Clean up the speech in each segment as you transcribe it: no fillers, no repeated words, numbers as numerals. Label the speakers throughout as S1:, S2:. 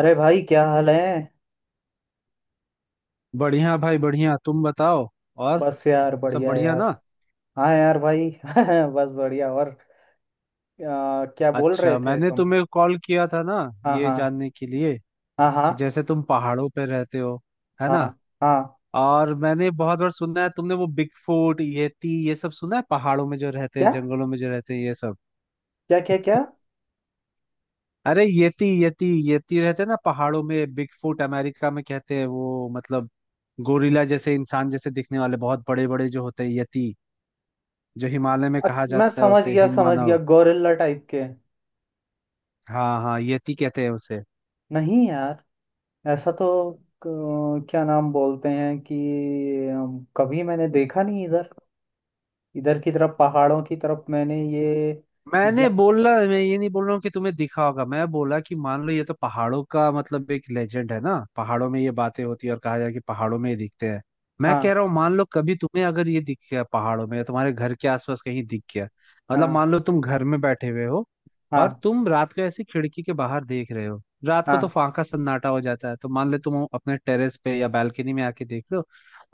S1: अरे भाई क्या हाल है।
S2: बढ़िया भाई, बढ़िया। तुम बताओ। और
S1: बस यार
S2: सब
S1: बढ़िया
S2: बढ़िया
S1: यार।
S2: ना?
S1: हाँ यार भाई बस बढ़िया और क्या बोल रहे
S2: अच्छा,
S1: थे
S2: मैंने
S1: तुम।
S2: तुम्हें कॉल किया था ना,
S1: हाँ
S2: ये
S1: हाँ।
S2: जानने के लिए
S1: हाँ
S2: कि
S1: हाँ।
S2: जैसे तुम पहाड़ों पे रहते हो, है
S1: हाँ
S2: ना?
S1: हाँ।
S2: और मैंने बहुत बार सुना है, तुमने वो बिग फूट, येती, ये सब सुना है? पहाड़ों में जो रहते हैं,
S1: क्या
S2: जंगलों में जो रहते हैं, ये सब।
S1: क्या क्या क्या।
S2: अरे येती येती येती रहते हैं ना पहाड़ों में, बिग फूट अमेरिका में कहते हैं वो, मतलब गोरिल्ला जैसे, इंसान जैसे दिखने वाले बहुत बड़े बड़े जो होते हैं, यति। जो हिमालय में कहा
S1: अच्छा, मैं
S2: जाता है
S1: समझ
S2: उसे
S1: गया
S2: हिम
S1: समझ गया।
S2: मानव।
S1: गोरिल्ला टाइप के।
S2: हाँ हाँ, यति कहते हैं उसे।
S1: नहीं यार ऐसा तो। क्या नाम बोलते हैं कि कभी मैंने देखा नहीं इधर। इधर की तरफ पहाड़ों की तरफ मैंने ये जा,
S2: मैंने बोला, मैं ये नहीं बोल रहा हूँ कि तुम्हें दिखा होगा। मैं बोला कि मान लो, ये तो पहाड़ों का मतलब एक लेजेंड है ना, पहाड़ों में ये बातें होती है और कहा जाए कि पहाड़ों में ये दिखते हैं। मैं कह
S1: हाँ
S2: रहा हूँ, मान लो कभी तुम्हें अगर ये दिख गया पहाड़ों में, या तुम्हारे घर के आसपास कहीं दिख गया। मतलब
S1: हाँ।
S2: मान लो तुम घर में बैठे हुए हो, और
S1: हाँ
S2: तुम रात को ऐसी खिड़की के बाहर देख रहे हो, रात को तो
S1: हाँ।
S2: फांका सन्नाटा हो जाता है, तो मान लो तुम अपने टेरेस पे या बालकनी में आके देख रहे हो,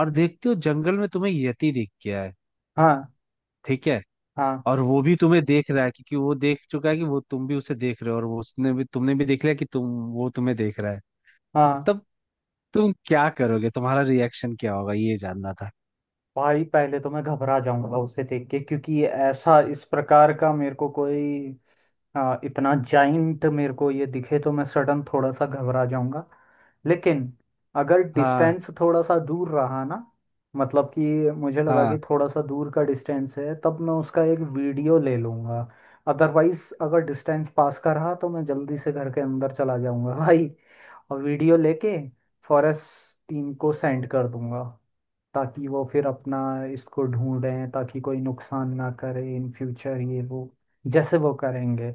S2: और देखते हो जंगल में तुम्हें यति दिख गया है।
S1: हाँ।
S2: ठीक है?
S1: हाँ
S2: और वो भी तुम्हें देख रहा है, क्योंकि वो देख चुका है कि वो तुम भी उसे देख रहे हो, और वो उसने भी तुमने भी देख लिया कि तुम, वो तुम्हें देख रहा है।
S1: हाँ।
S2: तब तुम क्या करोगे, तुम्हारा रिएक्शन क्या होगा, ये जानना था।
S1: भाई पहले तो मैं घबरा जाऊंगा उसे देख के, क्योंकि ऐसा इस प्रकार का मेरे को कोई इतना जाइंट मेरे को ये दिखे तो मैं सडन थोड़ा सा घबरा जाऊंगा। लेकिन अगर
S2: हाँ।
S1: डिस्टेंस थोड़ा सा दूर रहा ना, मतलब कि मुझे लगा कि
S2: हाँ।
S1: थोड़ा सा दूर का डिस्टेंस है, तब मैं उसका एक वीडियो ले लूंगा। अदरवाइज अगर डिस्टेंस पास का रहा तो मैं जल्दी से घर के अंदर चला जाऊंगा भाई। और वीडियो लेके फॉरेस्ट टीम को सेंड कर दूंगा, ताकि वो फिर अपना इसको ढूंढें, ताकि कोई नुकसान ना करे इन फ्यूचर ये वो। जैसे वो करेंगे।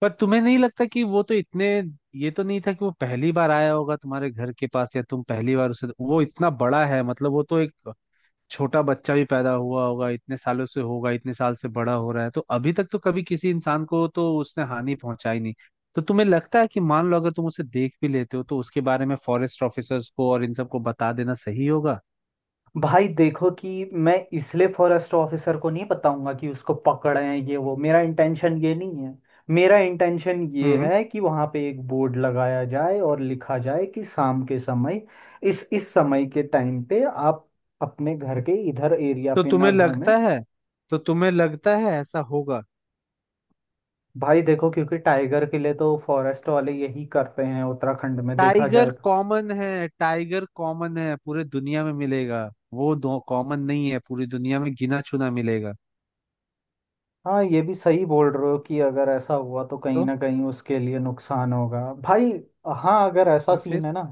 S2: पर तुम्हें नहीं लगता कि वो तो इतने, ये तो नहीं था कि वो पहली बार आया होगा तुम्हारे घर के पास, या तुम पहली बार उसे, वो इतना बड़ा है मतलब, वो तो एक छोटा बच्चा भी पैदा हुआ होगा, इतने सालों से होगा, इतने साल से बड़ा हो रहा है, तो अभी तक तो कभी किसी इंसान को तो उसने हानि पहुंचाई नहीं। तो तुम्हें लगता है कि मान लो अगर तुम उसे देख भी लेते हो, तो उसके बारे में फॉरेस्ट ऑफिसर्स को और इन सबको बता देना सही होगा?
S1: भाई देखो कि मैं इसलिए फॉरेस्ट ऑफिसर को नहीं बताऊंगा कि उसको पकड़ें, ये वो मेरा इंटेंशन ये नहीं है। मेरा इंटेंशन ये
S2: हम्म।
S1: है कि वहां पे एक बोर्ड लगाया जाए और लिखा जाए कि शाम के समय, इस समय के टाइम पे आप अपने घर के इधर एरिया
S2: तो
S1: पे ना
S2: तुम्हें
S1: घूमें।
S2: लगता है, तो तुम्हें लगता है ऐसा होगा?
S1: भाई देखो, क्योंकि टाइगर के लिए तो फॉरेस्ट वाले यही करते हैं उत्तराखंड में, देखा जाए।
S2: टाइगर कॉमन है, टाइगर कॉमन है, पूरे दुनिया में मिलेगा। वो दो कॉमन नहीं है, पूरी दुनिया में गिना चुना मिलेगा।
S1: हाँ ये भी सही बोल रहे हो कि अगर ऐसा हुआ तो कहीं
S2: तो,
S1: ना कहीं उसके लिए नुकसान होगा। भाई, हाँ अगर ऐसा
S2: तो फिर,
S1: सीन है ना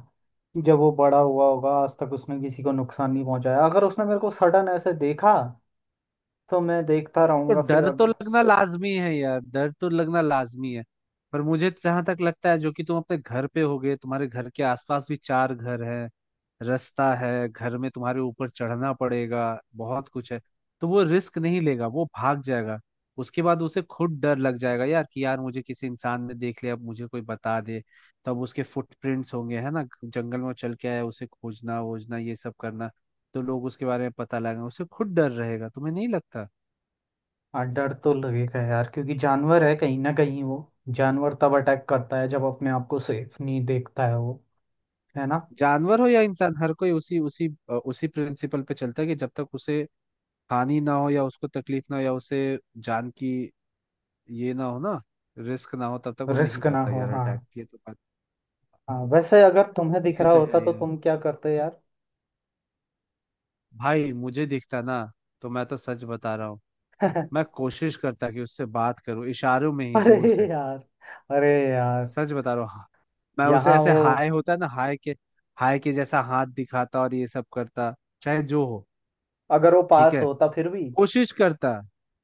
S1: कि जब वो बड़ा हुआ होगा आज तक उसने किसी को नुकसान नहीं पहुंचाया, अगर उसने मेरे को सडन ऐसे देखा तो मैं देखता
S2: तो
S1: रहूंगा फिर
S2: डर तो
S1: अगर।
S2: लगना लाजमी है यार, डर तो लगना लाजमी है। पर मुझे जहां तक लगता है, जो कि तुम अपने घर पे होगे, तुम्हारे घर के आसपास भी चार घर हैं, रास्ता है, घर में तुम्हारे ऊपर चढ़ना पड़ेगा, बहुत कुछ है, तो वो रिस्क नहीं लेगा, वो भाग जाएगा। उसके बाद उसे खुद डर लग जाएगा यार कि यार मुझे किसी इंसान ने देख लिया, अब मुझे कोई बता दे। तब उसके फुटप्रिंट्स होंगे है ना जंगल में, वो चल के आया, उसे खोजना वोजना ये सब करना, तो लोग उसके बारे में पता लगाएंगे, उसे खुद डर रहेगा। तुम्हें नहीं लगता?
S1: हाँ डर तो लगेगा यार, क्योंकि जानवर है कहीं ना कहीं वो। जानवर तब अटैक करता है जब अपने आप को सेफ नहीं देखता है वो, है ना।
S2: जानवर हो या इंसान, हर कोई उसी उसी अ, उसी प्रिंसिपल पे चलता है कि जब तक उसे हानि ना हो, या उसको तकलीफ ना हो, या उसे जान की ये ना हो ना, रिस्क ना हो, तब तक वो नहीं
S1: रिस्क ना
S2: करता
S1: हो,
S2: यार
S1: हाँ।
S2: अटैक। ये तो बात,
S1: हाँ वैसे अगर तुम्हें दिख
S2: ये
S1: रहा
S2: तो है
S1: होता तो
S2: यार।
S1: तुम क्या करते यार।
S2: भाई मुझे दिखता ना, तो मैं तो सच बता रहा हूँ, मैं कोशिश करता कि उससे बात करूँ इशारों में ही दूर से।
S1: अरे यार, अरे यार।
S2: सच बता रहा हूँ, हाँ, मैं उसे
S1: यहाँ
S2: ऐसे
S1: वो।
S2: हाय होता है ना, हाय के जैसा हाथ दिखाता और ये सब करता, चाहे जो हो।
S1: अगर वो
S2: ठीक
S1: पास
S2: है,
S1: होता फिर भी।
S2: कोशिश करता।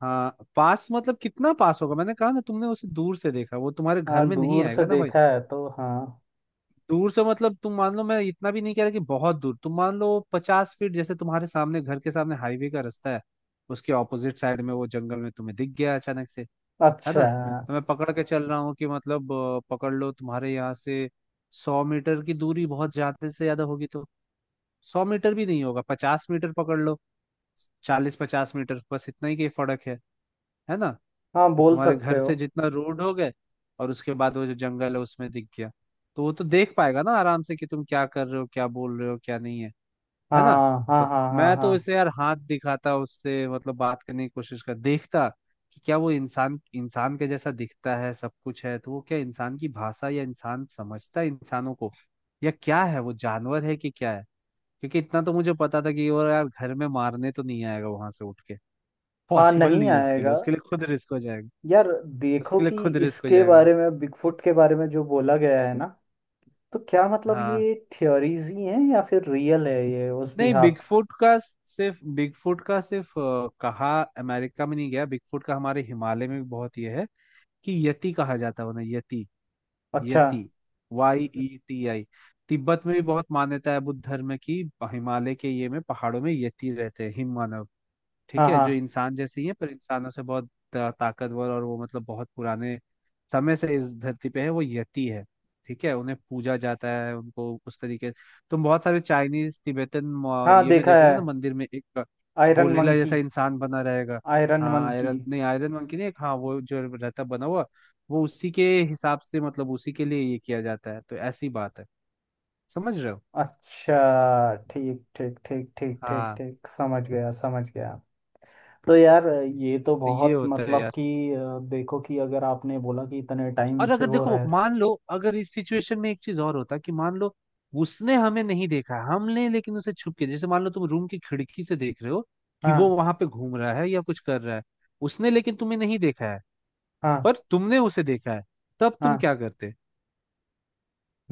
S2: हाँ पास मतलब कितना पास होगा, मैंने कहा ना तुमने उसे दूर से देखा, वो तुम्हारे घर
S1: हाँ
S2: में नहीं
S1: दूर से
S2: आएगा ना भाई।
S1: देखा है तो हाँ।
S2: दूर से मतलब तुम मान लो, मैं इतना भी नहीं कह रहा कि बहुत दूर, तुम मान लो 50 फीट जैसे, तुम्हारे सामने घर के सामने हाईवे का रास्ता है, उसके ऑपोजिट साइड में वो जंगल में तुम्हें दिख गया अचानक से, है ना?
S1: अच्छा।
S2: तो मैं पकड़ के चल रहा हूँ कि मतलब पकड़ लो तुम्हारे यहाँ से 100 मीटर की दूरी बहुत ज्यादा से ज्यादा होगी, तो 100 मीटर भी नहीं होगा, 50 मीटर पकड़ लो, 40-50 मीटर बस इतना ही की फर्क है ना?
S1: हाँ बोल
S2: तुम्हारे
S1: सकते
S2: घर
S1: हो।
S2: से जितना रोड हो गए, और उसके बाद वो जो जंगल है उसमें दिख गया, तो वो तो देख पाएगा ना आराम से कि तुम क्या कर रहे हो, क्या बोल रहे हो, क्या नहीं है, है ना?
S1: हाँ हाँ
S2: तो
S1: हाँ हाँ
S2: मैं तो
S1: हाँ।
S2: उसे यार हाथ दिखाता, उससे मतलब बात करने की कोशिश कर देखता, कि क्या वो इंसान, इंसान के जैसा दिखता है सब कुछ है तो वो, क्या इंसान की भाषा या इंसान समझता है, इंसानों को, या क्या है, वो जानवर है कि क्या है। क्योंकि इतना तो मुझे पता था कि वो यार घर में मारने तो नहीं आएगा वहां से उठ के,
S1: हाँ
S2: पॉसिबल
S1: नहीं
S2: नहीं है उसके लिए
S1: आएगा।
S2: उसके लिए खुद रिस्क हो जाएगा,
S1: यार देखो
S2: उसके लिए
S1: कि
S2: खुद रिस्क हो
S1: इसके
S2: जाएगा।
S1: बारे में, बिगफुट के बारे में जो बोला गया है ना, तो क्या मतलब
S2: हाँ
S1: ये थियोरीज ही हैं या फिर रियल है ये उस
S2: नहीं,
S1: बिहाफ।
S2: बिगफुट का सिर्फ कहा अमेरिका में नहीं गया, बिगफुट का हमारे हिमालय में भी बहुत ये है, कि यति कहा जाता है उन्हें, यति,
S1: अच्छा।
S2: Yeti, Y E T I. Tibet में भी बहुत मान्यता है बुद्ध धर्म में, कि हिमालय के ये में पहाड़ों में यति रहते हैं, हिम मानव।
S1: हाँ
S2: ठीक है, जो
S1: हाँ।
S2: इंसान जैसे ही है पर इंसानों से बहुत ताकतवर, और वो मतलब बहुत पुराने समय से इस धरती पे है, वो यति है। ठीक है, उन्हें पूजा जाता है, उनको उस तरीके, तुम बहुत सारे चाइनीज तिब्बतन
S1: हाँ
S2: ये में
S1: देखा है।
S2: देखोगे ना मंदिर में एक
S1: आयरन
S2: गोरिल्ला जैसा
S1: मंकी।
S2: इंसान बना रहेगा।
S1: आयरन
S2: हाँ
S1: मंकी।
S2: आयरन नहीं, आयरन मन की नहीं, एक, हाँ वो जो रहता है बना हुआ, वो उसी के हिसाब से, मतलब उसी के लिए ये किया जाता है, तो ऐसी बात है। समझ रहे हो?
S1: अच्छा ठीक ठीक ठीक ठीक ठीक
S2: हाँ,
S1: ठीक, समझ गया समझ गया। तो यार ये तो
S2: तो ये
S1: बहुत
S2: होता है
S1: मतलब
S2: यार।
S1: कि देखो कि अगर आपने बोला कि इतने टाइम
S2: और
S1: से
S2: अगर
S1: वो
S2: देखो,
S1: रह।
S2: मान लो अगर इस सिचुएशन में एक चीज और होता, कि मान लो उसने हमें नहीं देखा हमने, लेकिन उसे छुप के जैसे मान लो, तुम रूम की खिड़की से देख रहे हो कि वो
S1: हाँ।
S2: वहां पे घूम रहा है या कुछ कर रहा है, उसने लेकिन तुम्हें नहीं देखा है,
S1: हाँ।
S2: पर तुमने उसे देखा है, तब तुम
S1: हाँ
S2: क्या करते?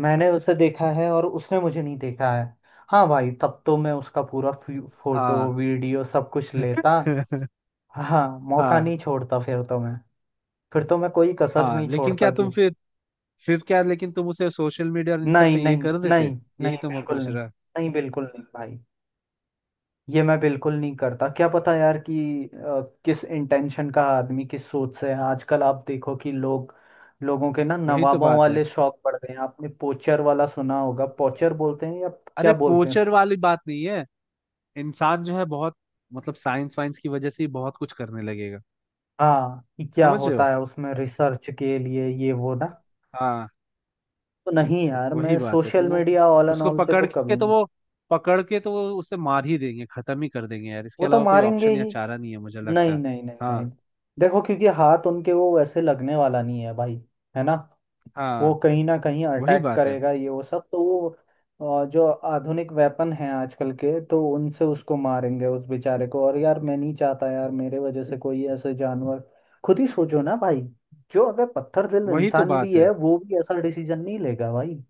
S1: मैंने उसे देखा है और उसने मुझे नहीं देखा है। हाँ भाई, तब तो मैं उसका पूरा
S2: हाँ
S1: फोटो वीडियो सब कुछ लेता। हाँ मौका
S2: हाँ
S1: नहीं छोड़ता फिर तो मैं। फिर तो मैं कोई कसर
S2: हाँ,
S1: नहीं
S2: लेकिन
S1: छोड़ता
S2: क्या
S1: कि।
S2: तुम फिर क्या, लेकिन तुम उसे सोशल मीडिया और इन सब
S1: नहीं
S2: पे ये
S1: नहीं
S2: कर देते?
S1: नहीं
S2: यही
S1: नहीं,
S2: तो मैं
S1: बिल्कुल
S2: पूछ
S1: नहीं।
S2: रहा।
S1: नहीं बिल्कुल नहीं भाई। ये मैं बिल्कुल नहीं करता। क्या पता यार कि किस इंटेंशन का आदमी किस सोच से है। आजकल आप देखो कि लोग, लोगों के ना
S2: वही तो
S1: नवाबों
S2: बात है,
S1: वाले शौक बढ़ गए हैं। आपने पोचर वाला सुना होगा, पोचर बोलते हैं या क्या
S2: अरे
S1: बोलते हैं
S2: पोचर वाली बात नहीं है, इंसान जो है बहुत, मतलब साइंस वाइंस की वजह से ही बहुत कुछ करने लगेगा।
S1: हाँ। कि क्या
S2: समझ रहे हो?
S1: होता है उसमें रिसर्च के लिए ये वो ना।
S2: हाँ।
S1: तो नहीं यार,
S2: वही
S1: मैं
S2: बात है, तो
S1: सोशल
S2: वो,
S1: मीडिया ऑल एंड
S2: उसको
S1: ऑल पे
S2: पकड़
S1: तो
S2: के
S1: कभी
S2: तो
S1: नहीं।
S2: वो पकड़ के तो वो उसे मार ही देंगे, खत्म ही कर देंगे यार,
S1: वो
S2: इसके
S1: तो
S2: अलावा कोई
S1: मारेंगे
S2: ऑप्शन
S1: ही।
S2: या चारा नहीं है, मुझे लगता
S1: नहीं
S2: है।
S1: नहीं नहीं नहीं।
S2: हाँ।
S1: देखो क्योंकि हाथ उनके वो वैसे लगने वाला नहीं है भाई, है ना। वो
S2: हाँ
S1: कहीं ना कहीं
S2: वही
S1: अटैक
S2: बात है।
S1: करेगा ये वो सब, तो वो जो आधुनिक वेपन हैं आजकल के, तो उनसे उसको मारेंगे उस बेचारे को। और यार मैं नहीं चाहता यार मेरे वजह से कोई ऐसे जानवर। खुद ही सोचो ना भाई, जो अगर पत्थर दिल
S2: वही तो
S1: इंसान भी
S2: बात
S1: है
S2: है,
S1: वो भी ऐसा डिसीजन नहीं लेगा भाई।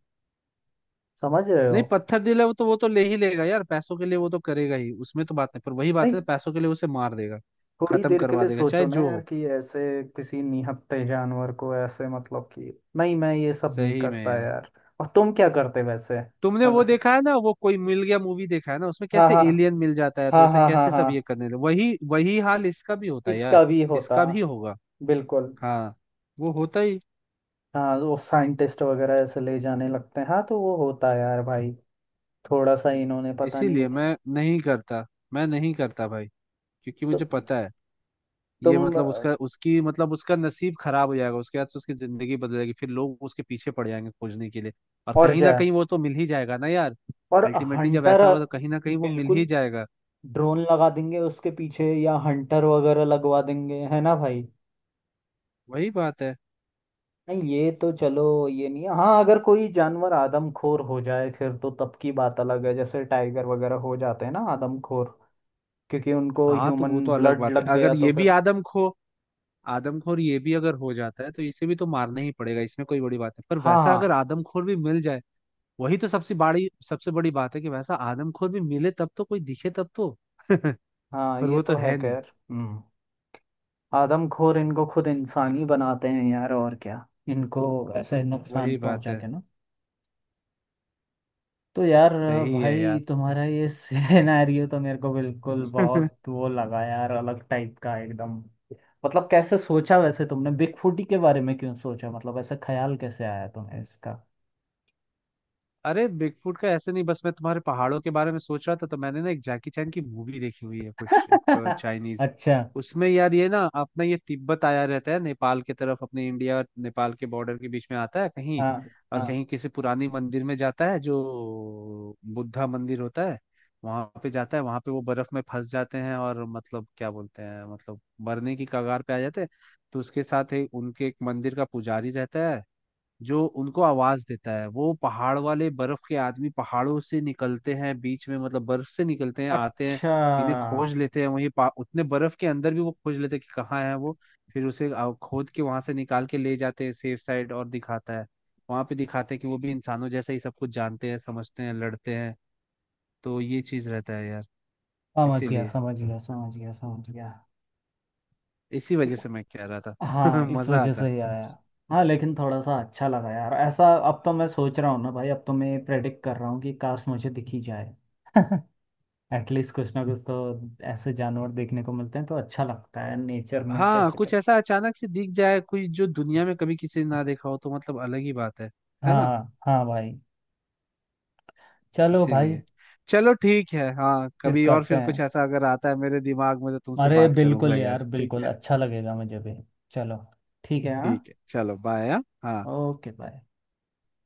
S1: समझ रहे हो।
S2: नहीं पत्थर दिला वो तो, वो तो ले ही लेगा यार पैसों के लिए, वो तो करेगा ही, उसमें तो बात नहीं, पर वही बात
S1: भाई
S2: है, पैसों के लिए उसे मार देगा,
S1: थोड़ी
S2: खत्म
S1: देर के
S2: करवा
S1: लिए
S2: देगा
S1: सोचो
S2: चाहे
S1: ना
S2: जो
S1: यार
S2: हो।
S1: कि ऐसे किसी निहत्थे जानवर को ऐसे मतलब कि। नहीं मैं ये सब नहीं
S2: सही में
S1: करता
S2: यार,
S1: यार। और तुम क्या करते वैसे
S2: तुमने वो
S1: अगर।
S2: देखा है ना, वो कोई मिल गया मूवी देखा है ना, उसमें
S1: हाँ
S2: कैसे
S1: हाँ।
S2: एलियन मिल जाता है तो
S1: हाँ
S2: उसे
S1: हाँ। हाँ
S2: कैसे सब ये
S1: हाँ
S2: करने लगे, वही वही हाल इसका भी होता है यार।
S1: इसका भी होता।
S2: इसका भी होगा,
S1: बिल्कुल।
S2: हाँ वो होता ही,
S1: हाँ वो साइंटिस्ट वगैरह ऐसे ले जाने लगते हैं। हाँ तो वो होता है यार भाई। थोड़ा सा इन्होंने पता नहीं है।
S2: इसीलिए मैं नहीं करता, मैं नहीं करता भाई, क्योंकि
S1: तो
S2: मुझे पता है, ये
S1: तुम
S2: मतलब उसका, उसकी मतलब उसका नसीब खराब हो जाएगा, उसके बाद से उसकी जिंदगी बदल जाएगी, फिर लोग उसके पीछे पड़ जाएंगे खोजने के लिए, और
S1: और
S2: कहीं
S1: क्या
S2: ना
S1: है?
S2: कहीं वो तो मिल ही जाएगा ना यार।
S1: और।
S2: अल्टीमेटली जब
S1: हंटर।
S2: ऐसा होगा, तो कहीं ना कहीं वो मिल ही
S1: बिल्कुल।
S2: जाएगा।
S1: ड्रोन लगा देंगे उसके पीछे या हंटर वगैरह लगवा देंगे, है ना भाई।
S2: वही बात है।
S1: नहीं ये तो चलो, ये नहीं है। हाँ अगर कोई जानवर आदमखोर हो जाए फिर तो तब की बात अलग है, जैसे टाइगर वगैरह हो जाते हैं ना आदमखोर, क्योंकि उनको
S2: हाँ तो
S1: ह्यूमन
S2: वो तो अलग
S1: ब्लड
S2: बात है,
S1: लग गया
S2: अगर
S1: तो
S2: ये भी
S1: फिर।
S2: आदमखोर ये भी अगर हो जाता है, तो इसे भी तो मारना ही पड़ेगा, इसमें कोई बड़ी बात नहीं, पर वैसा अगर
S1: हाँ
S2: आदमखोर भी मिल जाए। वही तो सबसे बड़ी बात है, कि वैसा आदमखोर भी मिले, तब तो कोई दिखे तब तो पर
S1: हाँ ये
S2: वो तो
S1: तो है
S2: है नहीं,
S1: खैर, हम्म। आदमखोर इनको खुद इंसान ही बनाते हैं यार और क्या, इनको ऐसे नुकसान
S2: वही बात
S1: पहुंचा
S2: है,
S1: के ना। तो यार
S2: सही है
S1: भाई
S2: यार।
S1: तुम्हारा ये सिनेरियो तो मेरे को बिल्कुल बहुत वो लगा यार, अलग टाइप का एकदम। मतलब कैसे सोचा वैसे तुमने बिगफुटी के बारे में क्यों सोचा, मतलब ऐसा ख्याल कैसे आया तुम्हें इसका।
S2: अरे बिगफुट का ऐसे नहीं, बस मैं तुम्हारे पहाड़ों के बारे में सोच रहा था, तो मैंने ना एक जैकी चैन की मूवी देखी हुई है कुछ, एक चाइनीज,
S1: अच्छा।
S2: उसमें यार ये ना अपना ये तिब्बत आया रहता है नेपाल की तरफ, अपने इंडिया और नेपाल के बॉर्डर के बीच में आता है कहीं,
S1: हाँ
S2: और
S1: हाँ।
S2: कहीं किसी पुरानी मंदिर में जाता है जो बुद्धा मंदिर होता है, वहां पे जाता है, वहां पे वो बर्फ में फंस जाते हैं, और मतलब क्या बोलते हैं मतलब मरने की कगार पे आ जाते हैं। तो उसके साथ ही उनके एक मंदिर का पुजारी रहता है, जो उनको आवाज देता है, वो पहाड़ वाले बर्फ के आदमी पहाड़ों से निकलते हैं बीच में, मतलब बर्फ से निकलते हैं, आते हैं,
S1: अच्छा,
S2: इन्हें खोज लेते हैं, वहीं उतने बर्फ के अंदर भी वो खोज लेते हैं कि कहाँ है वो, फिर उसे खोद के वहां से निकाल के ले जाते हैं सेफ साइड, और दिखाता है, वहां पे दिखाते हैं कि वो भी इंसानों जैसा ही सब कुछ जानते हैं, समझते हैं, लड़ते हैं। तो ये चीज रहता है यार,
S1: समझ गया
S2: इसीलिए,
S1: समझ गया समझ गया समझ गया।
S2: इसी वजह से मैं कह रहा था।
S1: हाँ इस
S2: मजा
S1: वजह
S2: आता
S1: से
S2: है,
S1: ही आया। हाँ लेकिन थोड़ा सा अच्छा लगा यार ऐसा। अब तो मैं सोच रहा हूँ ना भाई, अब तो मैं प्रेडिक्ट कर रहा हूँ कि काश मुझे दिखी जाए। एटलीस्ट कुछ ना कुछ तो। ऐसे जानवर देखने को मिलते हैं तो अच्छा लगता है नेचर में
S2: हाँ
S1: कैसे
S2: कुछ
S1: कैसे।
S2: ऐसा अचानक से दिख जाए कोई, जो दुनिया में कभी किसी ने ना देखा हो, तो मतलब अलग ही बात है ना?
S1: हाँ हाँ भाई। चलो भाई।
S2: इसीलिए, चलो ठीक है, हाँ
S1: फिर
S2: कभी और
S1: करते
S2: फिर कुछ
S1: हैं।
S2: ऐसा अगर आता है मेरे दिमाग में तो तुमसे
S1: अरे
S2: बात करूंगा
S1: बिल्कुल
S2: यार,
S1: यार
S2: ठीक
S1: बिल्कुल,
S2: है।
S1: अच्छा लगेगा मुझे भी। चलो ठीक है हाँ।
S2: ठीक है चलो, बाय। हाँ हाँ।
S1: Okay bye.